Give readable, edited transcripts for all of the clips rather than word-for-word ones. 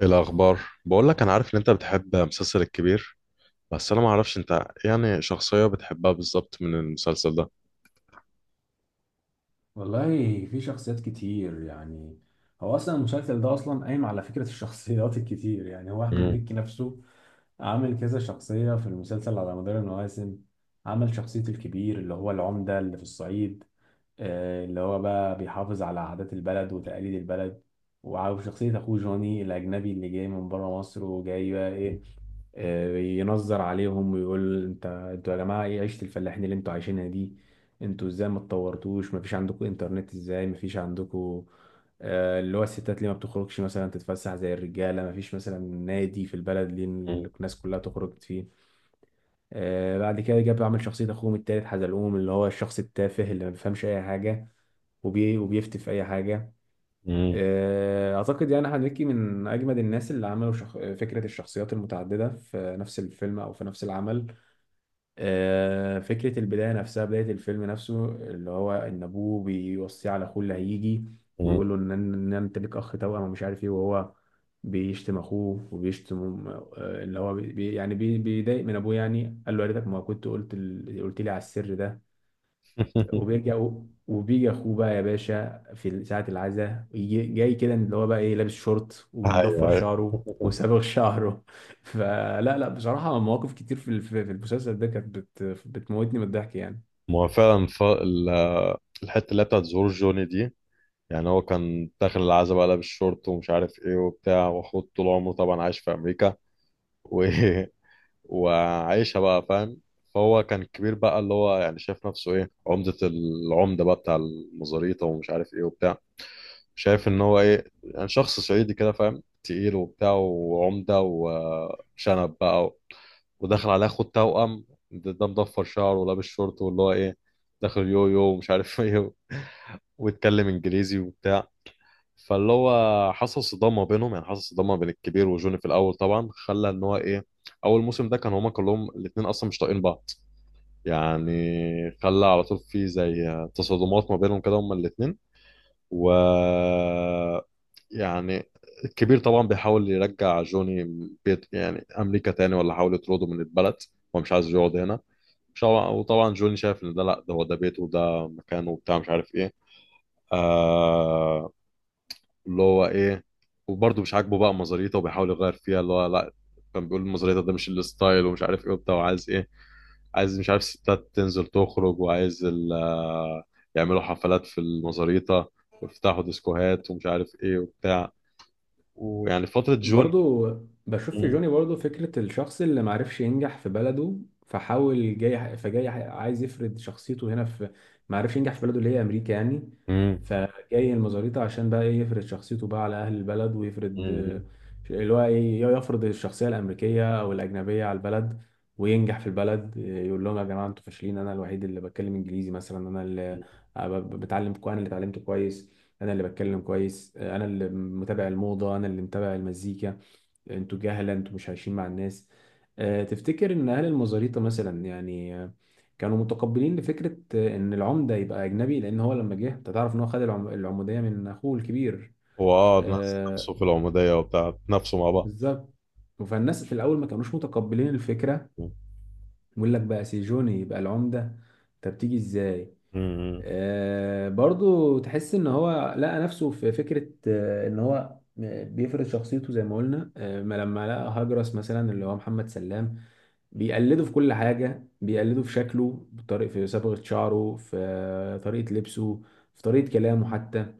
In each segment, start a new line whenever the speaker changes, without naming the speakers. إيه الأخبار؟ بقول لك أنا عارف إن أنت بتحب مسلسل الكبير. بس أنا ما أعرفش أنت يعني شخصية بتحبها بالظبط من المسلسل ده؟
والله في شخصيات كتير يعني. هو اصلا المسلسل ده اصلا قايم على فكره الشخصيات الكتير، يعني هو احمد
مم.
مكي نفسه عامل كذا شخصيه في المسلسل على مدار المواسم. عمل شخصيه الكبير اللي هو العمده اللي في الصعيد، اللي هو بقى بيحافظ على عادات البلد وتقاليد البلد، وشخصيه اخوه جوني الاجنبي اللي جاي من بره مصر وجاي بقى ايه. ينظر عليهم ويقول انتوا يا جماعه ايه عيشه الفلاحين اللي انتوا عايشينها دي، انتوا ازاي ما اتطورتوش؟ ما فيش عندكم انترنت؟ ازاي ما فيش عندكم؟ اللي هو الستات ليه ما بتخرجش مثلا تتفسح زي الرجاله؟ ما فيش مثلا نادي في البلد ليه
مم.
الناس كلها تخرج فيه؟ بعد كده جاب عمل شخصيه اخوهم التالت حزلقوم اللي هو الشخص التافه اللي ما بيفهمش اي حاجه وبيفتي في اي حاجه.
مم.
اعتقد يعني احمد مكي من اجمد الناس اللي عملوا فكره الشخصيات المتعدده في نفس الفيلم او في نفس العمل. فكره البدايه نفسها، بدايه الفيلم نفسه اللي هو ان ابوه بيوصيه على اخوه اللي هيجي
مم.
ويقول له ان انت ليك اخ توأم ومش عارف ايه، وهو بيشتم اخوه وبيشتم، اللي هو بيضايق من ابوه، يعني قال له يا ريتك ما كنت قلت لي على السر ده. وبيجي اخوه بقى يا باشا في ساعة العزاء، جاي كده اللي هو بقى ايه، لابس شورت
أيوه،
ومضفر
أيوه.
شعره وصابغ شعره. فلا لا، بصراحة مواقف كتير في ال- في في المسلسل ده كانت بتموتني من الضحك يعني.
ما هو فعلا الحتة اللي هي بتاعت ظهور جوني دي، يعني هو كان داخل العزبة، قلب الشورت ومش عارف إيه وبتاع، وأخوه طول عمره طبعا عايش في أمريكا و... وعايشها بقى، فاهم. فهو كان كبير بقى، اللي هو يعني شايف نفسه إيه، عمدة العمدة بقى بتاع المزاريطة ومش عارف إيه وبتاع. شايف ان هو ايه، يعني شخص صعيدي كده، فاهم، تقيل وبتاع وعمده وشنب بقى وداخل على اخو التوأم ده مضفر شعره ولابس شورت واللي هو ايه، داخل يو يو ومش عارف ايه، ويتكلم انجليزي وبتاع. فاللي هو حصل صدام ما بينهم، يعني حصل صدام ما بين الكبير وجوني في الاول، طبعا خلى ان هو ايه، اول موسم ده كان هما كلهم الاتنين اصلا مش طايقين بعض، يعني، خلى على طول في زي تصادمات ما بينهم كده هما الاتنين، و، يعني، الكبير طبعا بيحاول يرجع جوني بيت، يعني، امريكا تاني، ولا حاول يطرده من البلد. هو مش عايز يقعد هنا. مش هو- وطبعا جوني شايف ان ده، لا ده هو ده بيته وده مكانه وبتاع، مش عارف ايه. آه، اللي هو ايه، وبرضه مش عاجبه بقى مزاريته، وبيحاول يغير فيها اللي هو لا. كان بيقول مزاريته ده مش الستايل، ومش عارف ايه وبتاع، وعايز ايه، عايز مش عارف ستات تنزل تخرج، وعايز يعملوا حفلات في المزاريطة، ويفتحوا ديسكوهات ومش عارف ايه وبتاع. ويعني فترة جون.
برضو بشوف في
مم.
جوني برضو فكرة الشخص اللي معرفش ينجح في بلده، فحاول جاي فجاي عايز يفرض شخصيته هنا في، معرفش ينجح في بلده اللي هي أمريكا يعني.
امم.
فجاي المزاريطة عشان بقى إيه يفرض شخصيته بقى على أهل البلد ويفرض،
مم.
اللي هو إيه، يفرض الشخصية الأمريكية أو الأجنبية على البلد وينجح في البلد. يقول لهم يا جماعة أنتوا فاشلين، أنا الوحيد اللي بتكلم إنجليزي مثلا، أنا اللي أنا اللي اتعلمت كويس، انا اللي بتكلم كويس، انا اللي متابع الموضه، انا اللي متابع المزيكا، انتوا جهله، انتوا مش عايشين مع الناس. تفتكر ان اهل المزاريطه مثلا يعني، كانوا متقبلين لفكره ان العمده يبقى اجنبي؟ لان هو لما جه انت تعرف ان هو خد العموديه من اخوه الكبير.
هو الناس
آه،
نفسه في العمودية وبتاع، نفسه مع بعض.
بالظبط. فالناس في الاول ما كانوش متقبلين الفكره، يقول لك بقى سيجوني يبقى العمده؟ طب تيجي ازاي؟
مم.
برضو تحس ان هو لقى نفسه في فكرة ان هو بيفرض شخصيته زي ما قلنا، آه، ما لما لقى هجرس مثلا اللي هو محمد سلام بيقلده في كل حاجة، بيقلده في شكله، بطريقة في صبغة شعره، في طريقة لبسه، في طريقة كلامه حتى.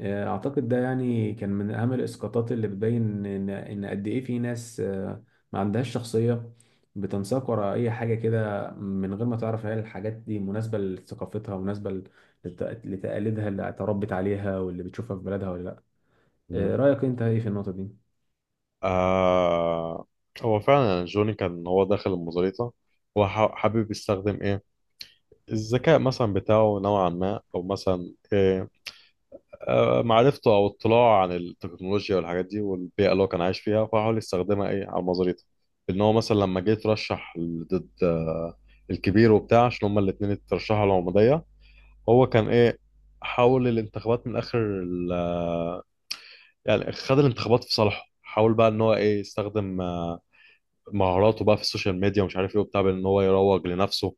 اعتقد ده يعني كان من اهم الاسقاطات اللي بتبين ان قد ايه في ناس ما عندهاش شخصيه، بتنساق وراء اي حاجه كده من غير ما تعرف هل الحاجات دي مناسبه لثقافتها، مناسبه لتقاليدها اللي اتربت عليها واللي بتشوفها في بلدها ولا لا.
مم.
رايك انت ايه في النقطه دي؟
آه، هو فعلا يعني جوني كان هو داخل المزاريطة، هو حابب يستخدم ايه، الذكاء مثلا بتاعه نوعا ما، او مثلا ايه، معرفته او اطلاعه عن التكنولوجيا والحاجات دي، والبيئه اللي هو كان عايش فيها، فحاول يستخدمها ايه على مزاريته. ان هو مثلا لما جه يترشح ضد الكبير وبتاع، عشان هما الاثنين اترشحوا العموديه. هو كان ايه، حاول الانتخابات من اخر يعني خد الانتخابات في صالحه، حاول بقى ان هو ايه يستخدم مهاراته بقى في السوشيال ميديا ومش عارف ايه وبتاع، بان هو يروج لنفسه.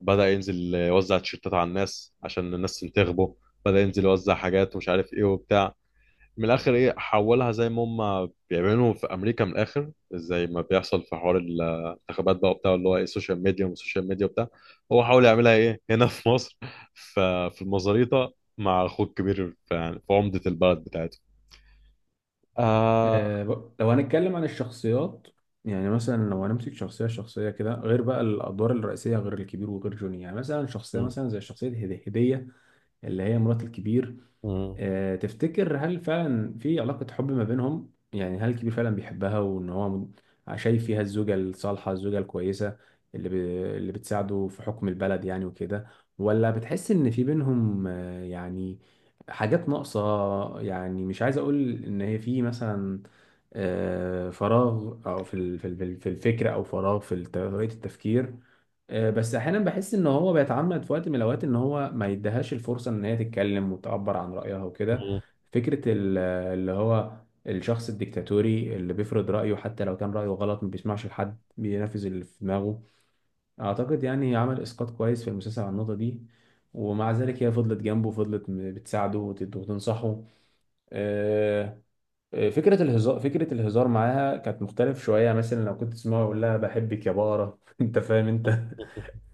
بدأ ينزل يوزع تيشيرتات على الناس عشان الناس تنتخبه. بدأ ينزل يوزع حاجات ومش عارف ايه وبتاع. من الاخر ايه، حولها زي ما هم بيعملوا في امريكا، من الاخر زي ما بيحصل في حوار الانتخابات بقى وبتاع، اللي هو ايه السوشيال ميديا والسوشيال ميديا وبتاع. هو حاول يعملها ايه هنا في مصر ف- في المزاريطه مع اخوه الكبير، يعني في عمده البلد بتاعته. آه.
لو هنتكلم عن الشخصيات، يعني مثلا لو هنمسك شخصية شخصية كده غير بقى الأدوار الرئيسية، غير الكبير وغير جوني، يعني مثلا شخصية
مم،
مثلا زي شخصية هدية اللي هي مرات الكبير.
مم،
تفتكر هل فعلا في علاقة حب ما بينهم؟ يعني هل الكبير فعلا بيحبها وان هو شايف فيها الزوجة الصالحة، الزوجة الكويسة اللي ب... اللي بتساعده في حكم البلد يعني وكده؟ ولا بتحس ان في بينهم يعني حاجات ناقصة؟ يعني مش عايز اقول ان هي في مثلا فراغ، او في الفكر، او فراغ طريقة التفكير. بس احيانا بحس ان هو بيتعمد في وقت من الاوقات ان هو ما يديهاش الفرصه ان هي تتكلم وتعبر عن رايها وكده.
مم،
فكره ال- اللي هو الشخص الديكتاتوري اللي بيفرض رايه حتى لو كان رايه غلط، ما بيسمعش لحد، بينفذ اللي في دماغه. اعتقد يعني عمل اسقاط كويس في المسلسل على النقطه دي. ومع ذلك هي فضلت جنبه، فضلت بتساعده وتنصحه. آه، فكرة الهزار، فكرة الهزار معاها كانت مختلف شوية، مثلا لو كنت تسمعه يقول لها بحبك يا بارة انت فاهم انت.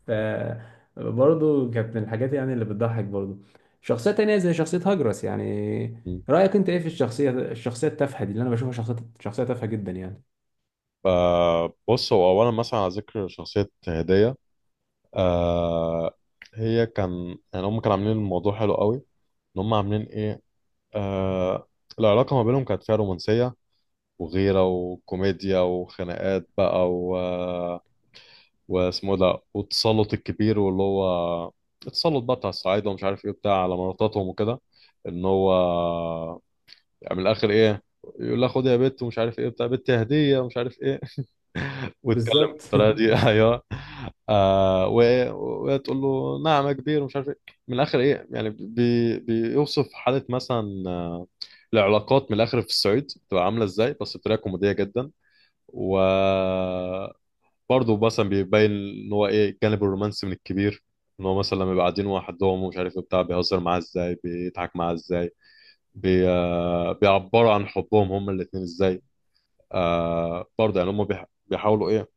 ف برضه كانت من الحاجات يعني اللي بتضحك برضه. شخصية تانية زي شخصية هجرس يعني،
مم.
رأيك انت ايه في الشخصية الشخصية التافهة دي اللي انا بشوفها شخصية شخصية تافهة جدا يعني؟
فبص، هو اولا مثلا على ذكر شخصيه هديه، آه، هي كان يعني هم كانوا عاملين الموضوع حلو قوي. ان هم عاملين ايه، آه، العلاقه ما بينهم كانت فيها رومانسيه، وغيرة وكوميديا وخناقات بقى واسمه ده، والتسلط الكبير، واللي هو التسلط بقى بتاع الصعايدة، ومش عارف ايه بتاع على مراتاتهم وكده، ان هو، يعني، من الاخر ايه، يقول لها خد يا بت، ومش عارف ايه بتاع، بت هدية ومش عارف ايه. ويتكلم
بالظبط.
بالطريقة دي ايوه. آه، وهي تقول له نعم يا كبير، ومش عارف ايه. من الاخر ايه، يعني بيوصف حالة مثلا، العلاقات من الاخر في الصعيد بتبقى عاملة ازاي، بس بطريقة كوميدية جدا. وبرضه مثلا بيبين ان هو ايه الجانب الرومانسي من الكبير. ان هو مثلا لما يبقى قاعدين وحدهم ومش عارف إيه بتاع، بيهزر معاه ازاي، بيضحك معاه ازاي، بي... آه، بيعبروا عن حبهم هما الاتنين ازاي. آه، برضه يعني هما بيحاولوا ايه،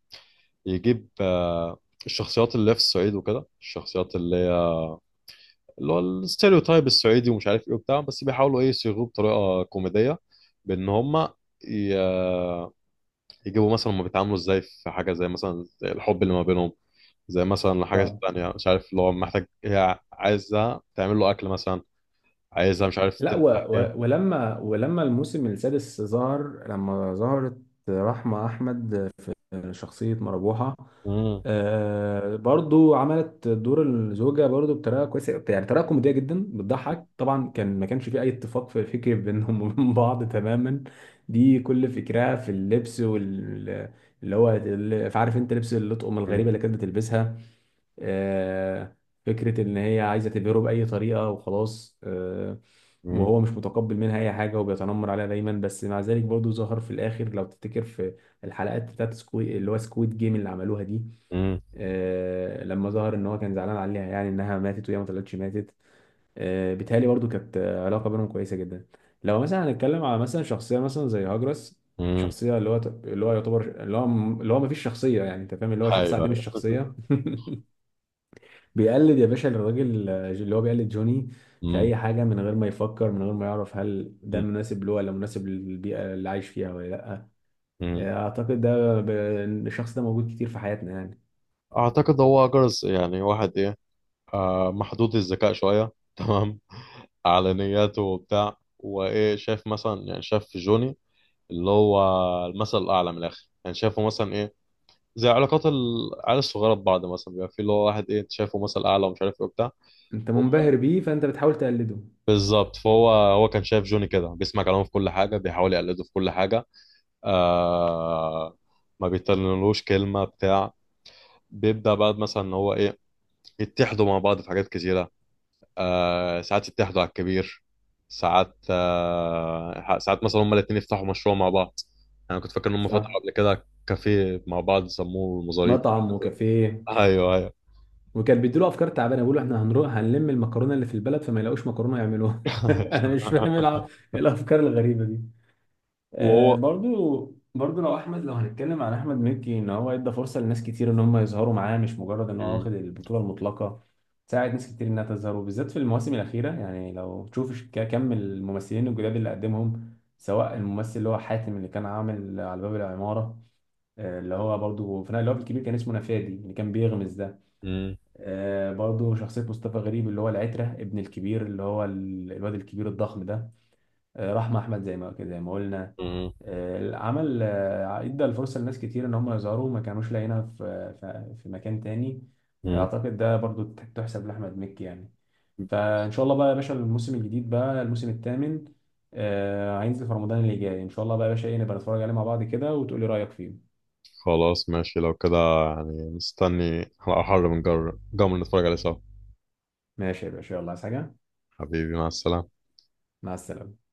يجيب الشخصيات اللي هي في الصعيد وكده، الشخصيات اللي هي، اللي هو الستيreotype الصعيدي، ومش عارف ايه وبتاع، بس بيحاولوا ايه يصيغوه بطريقة كوميدية، بان هما ي... يجيبوا مثلا، هما بيتعاملوا ازاي في حاجه، زي مثلا، زي الحب اللي ما بينهم، زي مثلا حاجه
طبعا.
تانية، مش عارف اللي هو محتاج، هي عايزها تعمل له اكل مثلا، عايزها مش عارف
لا،
تفتح ايه.
ولما الموسم السادس ظهر لما ظهرت رحمة أحمد في شخصية مربوحة،
مم،
آه برضو عملت دور الزوجة برضو بطريقة كويسة، يعني طريقة كوميدية جدا بتضحك طبعا. كان ما كانش في أي اتفاق في فكري بينهم وبين بعض تماما. دي كل فكرها في اللبس وال، اللي هو عارف انت لبس اللطقم الغريبة
مم،
اللي كانت بتلبسها. آه، فكرة ان هي عايزة تبهره بأي طريقة وخلاص. آه،
مم،
وهو مش متقبل منها أي حاجة وبيتنمر عليها دايما. بس مع ذلك برضو ظهر في الآخر لو تفتكر في الحلقات بتاعت سكوي اللي هو سكويد جيم اللي عملوها دي.
مم،
لما ظهر ان هو كان زعلان عليها، يعني انها ماتت وهي ما طلعتش ماتت. بيتهيألي برضو كانت علاقه بينهم كويسه جدا. لو مثلا هنتكلم على مثلا شخصيه مثلا زي هاجرس،
مم.
شخصيه اللي هو اللي هو يعتبر اللي هو اللي هو ما فيش شخصيه، يعني انت فاهم اللي هو شخص
ايوه،
عديم
ايوه
الشخصيه. بيقلد يا باشا الراجل، اللي هو بيقلد جوني في
مم،
اي حاجه، من غير ما يفكر، من غير ما يعرف هل ده
مم،
مناسب له ولا مناسب للبيئه اللي عايش فيها ولا لا.
مم.
آه، اعتقد ده ب- الشخص ده موجود كتير في حياتنا يعني.
اعتقد هو جرس، يعني واحد ايه، آه، محدود الذكاء شويه تمام، على نياته وبتاع، وايه شايف، مثلا يعني، شايف في جوني، اللي هو المثل الاعلى من الاخر، يعني شايفه مثلا ايه، زي علاقات العيال الصغيره ببعض، مثلا بيبقى في اللي هو واحد ايه، أنت شايفه مثل اعلى ومش عارف ايه وبتاع.
انت
هو-
منبهر بيه فانت بتحاول تقلده.
بالظبط. فهو كان شايف جوني كده، بيسمع كلامه في كل حاجه، بيحاول يقلده في كل حاجه، آه، ما بيتكلملوش كلمه بتاع. بيبدا بقى مثلا ان هو ايه، يتحدوا مع بعض في حاجات كتيره، آه، ساعات يتحدوا على الكبير، ساعات مثلا هما الاتنين يفتحوا مشروع مع بعض. انا كنت فاكر ان هم
صح،
فتحوا قبل كده كافيه مع بعض، سموه المزاريط.
مطعم وكافيه،
ايوه، ايوه
وكان بيديله افكار تعبانه، بيقولوا احنا هنروح هنلم المكرونه اللي في البلد فما يلاقوش مكرونه يعملوها. انا مش فاهم إيه الافكار الغريبه دي. آه،
وهو.
برضو لو احمد، لو هنتكلم عن احمد مكي، ان هو ادى فرصه لناس كتير ان هم يظهروا معاه، مش مجرد ان هو
مم.
واخد البطوله المطلقه. ساعد ناس كتير انها تظهر، وبالذات في المواسم الاخيره يعني، لو تشوف كم الممثلين الجداد اللي قدمهم، سواء الممثل اللي هو حاتم اللي كان عامل على باب العماره، اللي هو برضه في اللي هو في الكبير كان اسمه نفادي اللي كان بيغمز ده.
مم.
برضه شخصية مصطفى غريب اللي هو العترة ابن الكبير اللي هو الواد الكبير الضخم ده. رحمة أحمد زي ما قلنا.
مم.
آه، عمل آه، ادى الفرصة لناس كتير إن هم يظهروا، ما كانوش لاقيينها في مكان تاني.
مم.
أعتقد ده برضه تحسب لأحمد مكي يعني. فإن شاء الله بقى يا باشا الموسم الجديد بقى، الموسم الثامن هينزل في رمضان اللي جاي، إن شاء الله بقى يا باشا إيه نبقى نتفرج عليه مع بعض كده وتقولي رأيك فيه.
خلاص ماشي، لو كده، يعني مستني على أحر من جمر، نتفرج عليه سوا.
ماشي يا باشا، يلا عايز حاجة؟
حبيبي، مع السلامة.
مع السلامة.